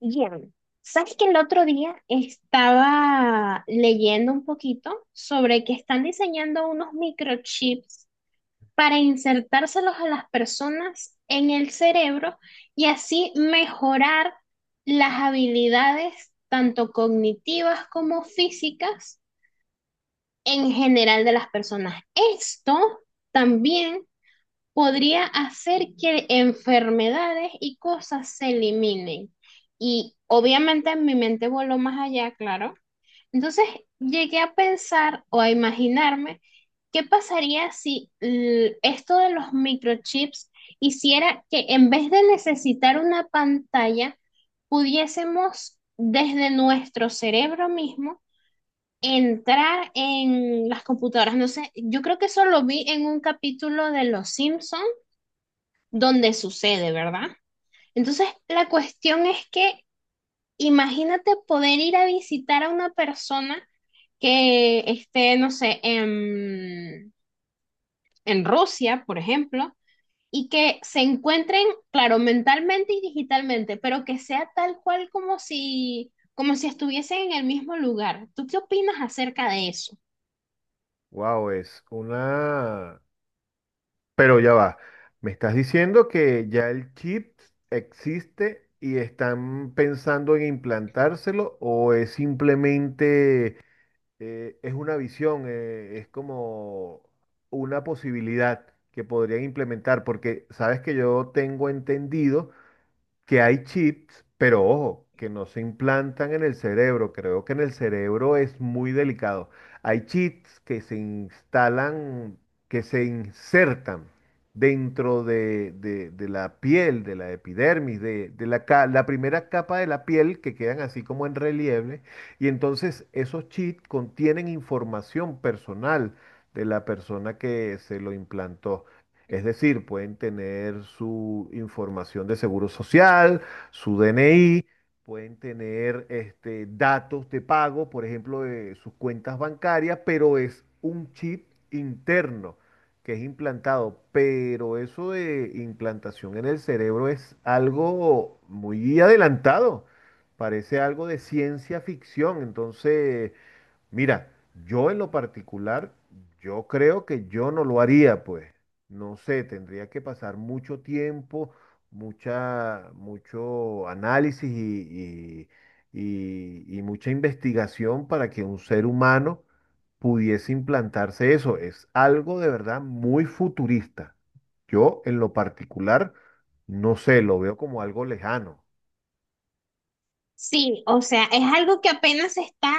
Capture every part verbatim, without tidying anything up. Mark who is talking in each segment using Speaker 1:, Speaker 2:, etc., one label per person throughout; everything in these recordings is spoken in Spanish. Speaker 1: Bien, sabes que el otro día estaba leyendo un poquito sobre que están diseñando unos microchips para insertárselos a las personas en el cerebro y así mejorar las habilidades tanto cognitivas como físicas en general de las personas. Esto también podría hacer que enfermedades y cosas se eliminen. Y obviamente mi mente voló más allá, claro. Entonces llegué a pensar o a imaginarme qué pasaría si l- esto de los microchips hiciera que, en vez de necesitar una pantalla, pudiésemos desde nuestro cerebro mismo entrar en las computadoras. No sé, yo creo que eso lo vi en un capítulo de Los Simpsons donde sucede, ¿verdad? Entonces, la cuestión es que imagínate poder ir a visitar a una persona que esté, no sé, en, en, Rusia, por ejemplo, y que se encuentren, claro, mentalmente y digitalmente, pero que sea tal cual como si, como si estuviesen en el mismo lugar. ¿Tú qué opinas acerca de eso?
Speaker 2: Wow, es una... Pero ya va. Me estás diciendo que ya el chip existe y están pensando en implantárselo, o es simplemente, eh, es una visión. Eh, es como una posibilidad que podrían implementar, porque sabes que yo tengo entendido que hay chips, pero ojo, que no se implantan en el cerebro. Creo que en el cerebro es muy delicado. Hay chips que se instalan, que se insertan dentro de, de- de la piel, de la epidermis, de, de la, ca- la primera capa de la piel, que quedan así como en relieve. Y entonces esos chips contienen información personal de la persona que se lo implantó. Es decir, pueden tener su información de seguro social, su D N I, pueden tener este, datos de pago, por ejemplo, de sus cuentas bancarias, pero es un chip interno que es implantado. Pero eso de implantación en el cerebro es algo muy adelantado. Parece algo de ciencia ficción. Entonces, mira, yo en lo particular, yo creo que yo no lo haría, pues. No sé, tendría que pasar mucho tiempo, mucha, mucho análisis y, y- y- y mucha investigación para que un ser humano pudiese implantarse eso. Es algo de verdad muy futurista. Yo en lo particular, no sé, lo veo como algo lejano.
Speaker 1: Sí, o sea, es algo que apenas se está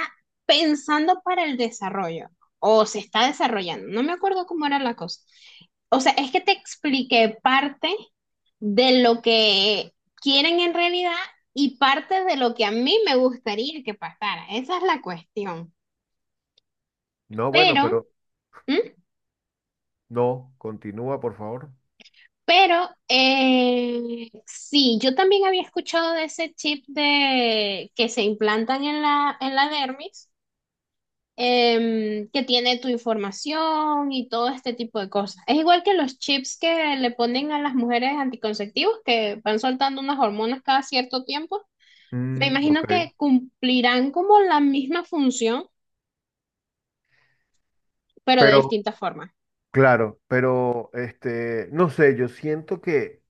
Speaker 1: pensando para el desarrollo o se está desarrollando. No me acuerdo cómo era la cosa. O sea, es que te expliqué parte de lo que quieren en realidad y parte de lo que a mí me gustaría que pasara. Esa es la cuestión.
Speaker 2: No, bueno,
Speaker 1: Pero,
Speaker 2: pero
Speaker 1: ¿Mm?
Speaker 2: no, continúa, por favor.
Speaker 1: pero, eh, sí, yo también había escuchado de ese chip de que se implantan en la, en la dermis. Em, que tiene tu información y todo este tipo de cosas. Es igual que los chips que le ponen a las mujeres anticonceptivos, que van soltando unas hormonas cada cierto tiempo. Me
Speaker 2: Mm, ok.
Speaker 1: imagino que cumplirán como la misma función, pero de
Speaker 2: Pero
Speaker 1: distintas formas.
Speaker 2: claro, pero este, no sé, yo siento que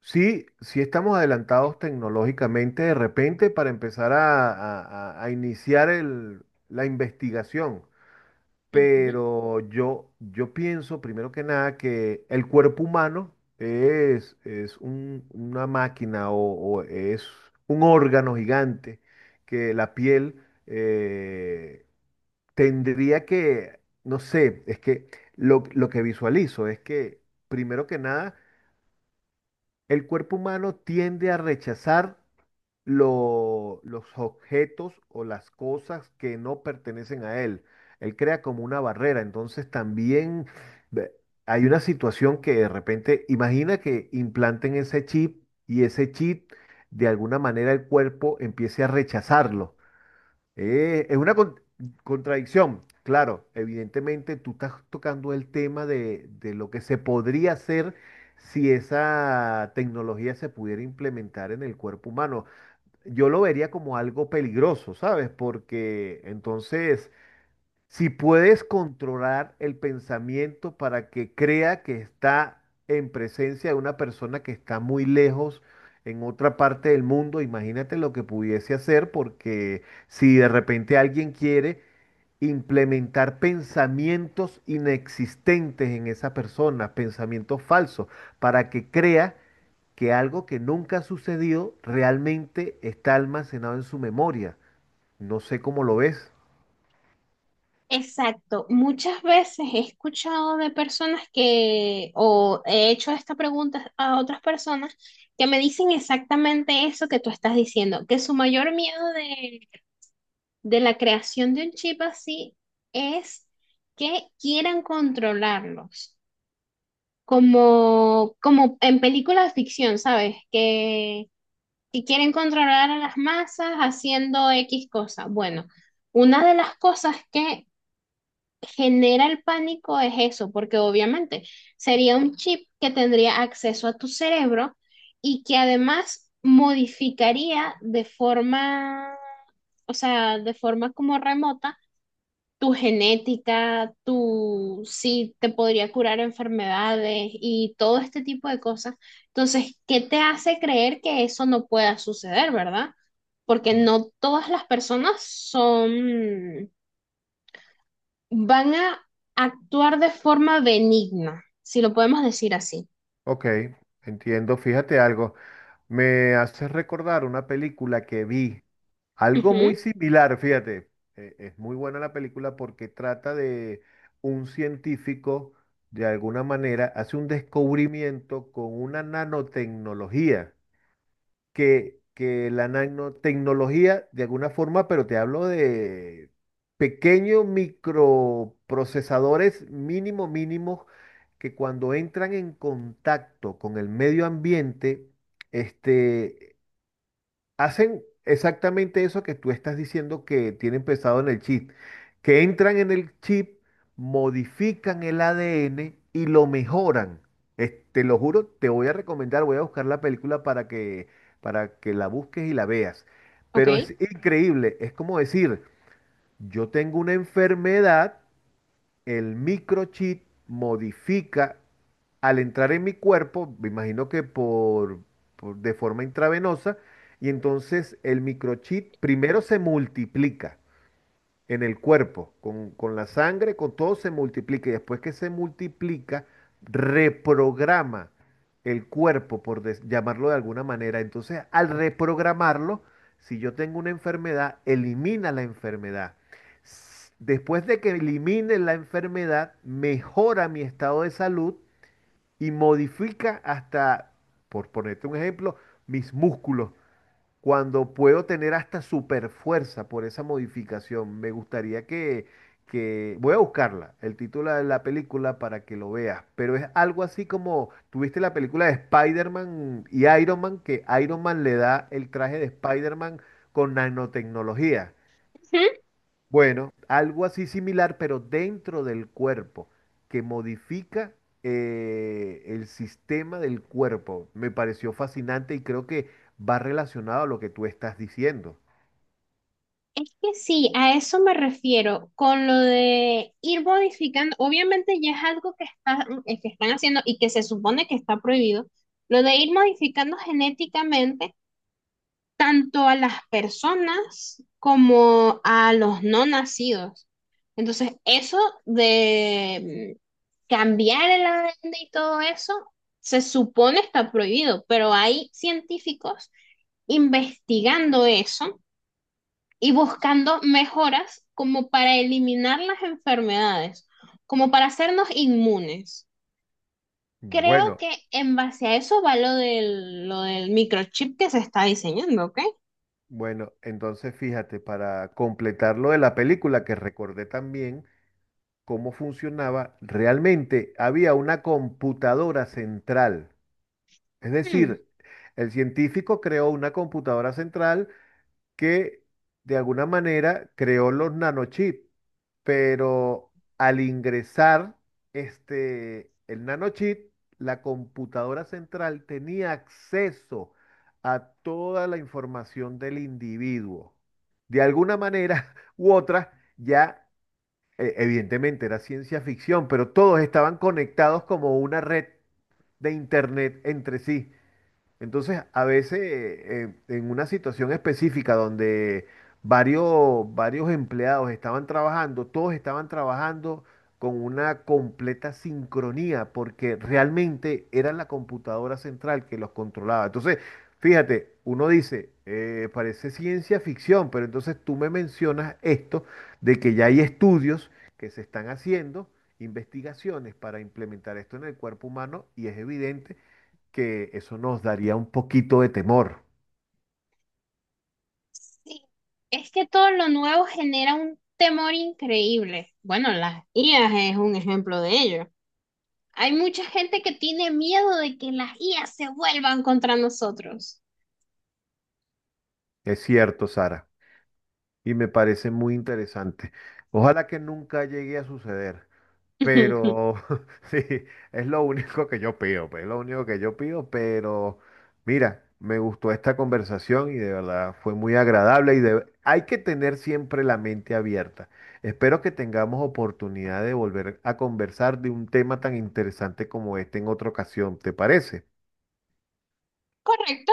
Speaker 2: sí, sí estamos adelantados tecnológicamente de repente para empezar a, a- a- a iniciar el- la investigación,
Speaker 1: Ujú.
Speaker 2: pero yo, yo pienso primero que nada que el cuerpo humano es, es un- una máquina, o, o es un órgano gigante que la piel... eh, tendría que, no sé, es que lo, lo que visualizo es que, primero que nada, el cuerpo humano tiende a rechazar lo- los objetos o las cosas que no pertenecen a él. Él crea como una barrera. Entonces también ve- hay una situación que de repente, imagina que implanten ese chip, y ese chip, de alguna manera, el cuerpo empiece a rechazarlo. Eh, es una con- contradicción. Claro, evidentemente tú estás tocando el tema de, de lo que se podría hacer si esa tecnología se pudiera implementar en el cuerpo humano. Yo lo vería como algo peligroso, ¿sabes? Porque entonces, si puedes controlar el pensamiento para que crea que está en presencia de una persona que está muy lejos en otra parte del mundo, imagínate lo que pudiese hacer, porque si de repente alguien quiere implementar pensamientos inexistentes en esa persona, pensamientos falsos, para que crea que algo que nunca ha sucedido realmente está almacenado en su memoria. No sé cómo lo ves.
Speaker 1: Exacto. Muchas veces he escuchado de personas que, o he hecho esta pregunta a otras personas, que me dicen exactamente eso que tú estás diciendo, que su mayor miedo de de la creación de un chip así es que quieran controlarlos, como, como en películas de ficción, ¿sabes? Que, que quieren controlar a las masas haciendo X cosa. Bueno, una de las cosas que genera el pánico es eso, porque obviamente sería un chip que tendría acceso a tu cerebro y que además modificaría de forma, o sea, de forma como remota tu genética, tu si te podría curar enfermedades y todo este tipo de cosas. Entonces, ¿qué te hace creer que eso no pueda suceder, verdad? Porque no todas las personas son, van a actuar de forma benigna, si lo podemos decir así.
Speaker 2: Ok, entiendo. Fíjate algo. Me hace recordar una película que vi, algo
Speaker 1: Ujú,
Speaker 2: muy similar, fíjate. Eh, es muy buena la película porque trata de un científico, de alguna manera, hace un descubrimiento con una nanotecnología que, que la nanotecnología, de alguna forma, pero te hablo de pequeños microprocesadores mínimo mínimos que cuando entran en contacto con el medio ambiente, este, hacen exactamente eso que tú estás diciendo que tienen pensado en el chip, que entran en el chip, modifican el A D N y lo mejoran. Es- te lo juro, te voy a recomendar, voy a buscar la película para que, para que la busques y la veas.
Speaker 1: ok.
Speaker 2: Pero es increíble. Es como decir, yo tengo una enfermedad, el microchip modifica al entrar en mi cuerpo, me imagino que por, por- de forma intravenosa, y entonces el microchip primero se multiplica en el cuerpo, con, con la sangre, con todo se multiplica, y después que se multiplica, reprograma el cuerpo, por des- llamarlo de alguna manera. Entonces, al reprogramarlo, si yo tengo una enfermedad, elimina la enfermedad. S- Después de que elimine la enfermedad, mejora mi estado de salud, y modifica hasta, por ponerte un ejemplo, mis músculos, cuando puedo tener hasta super fuerza por esa modificación. Me gustaría que, que... Voy a buscarla, el título de la película para que lo veas, pero es algo así como, tuviste la película de Spider-Man y Iron Man, que Iron Man le da el traje de Spider-Man con nanotecnología. Bueno, algo así similar, pero dentro del cuerpo, que modifica, eh, el sistema del cuerpo. Me pareció fascinante y creo que va relacionado a lo que tú estás diciendo.
Speaker 1: Es que sí, a eso me refiero, con lo de ir modificando, obviamente ya es algo que está- eh, que están haciendo y que se supone que está prohibido, lo de ir modificando genéticamente tanto a las personas como a los no nacidos. Entonces, eso de mm, cambiar el A D N y todo eso, se supone está prohibido, pero hay científicos investigando eso y buscando mejoras como para eliminar las enfermedades, como para hacernos inmunes. Creo
Speaker 2: Bueno,
Speaker 1: que en base a eso va lo del, lo del microchip que se está diseñando, ¿ok?
Speaker 2: bueno, entonces fíjate, para completar lo de la película, que recordé también cómo funcionaba, realmente había una computadora central. Es
Speaker 1: Hmm,
Speaker 2: decir, el científico creó una computadora central que, de alguna manera, creó los nanochips, pero al ingresar este, el nanochip, la computadora central tenía acceso a toda la información del individuo. De alguna manera u otra, ya eh, evidentemente era ciencia ficción, pero todos estaban conectados como una red de internet entre sí. Entonces, a veces, eh, en una situación específica donde varios, varios empleados estaban trabajando, todos estaban trabajando con una completa sincronía, porque realmente era la computadora central que los controlaba. Entonces, fíjate, uno dice, eh, parece ciencia ficción, pero entonces tú me mencionas esto de que ya hay estudios que se están haciendo, investigaciones para implementar esto en el cuerpo humano, y es evidente que eso nos daría un poquito de temor.
Speaker 1: sí, es que todo lo nuevo genera un temor increíble. Bueno, las I As es un ejemplo de ello. Hay mucha gente que tiene miedo de que las I As se vuelvan contra nosotros.
Speaker 2: Es cierto, Sara, y me parece muy interesante. Ojalá que nunca llegue a suceder, pero sí, es lo único que yo pido, pues, es lo único que yo pido, pero mira, me gustó esta conversación y de verdad fue muy agradable, y de- hay que tener siempre la mente abierta. Espero que tengamos oportunidad de volver a conversar de un tema tan interesante como este en otra ocasión, ¿te parece?
Speaker 1: Correcto.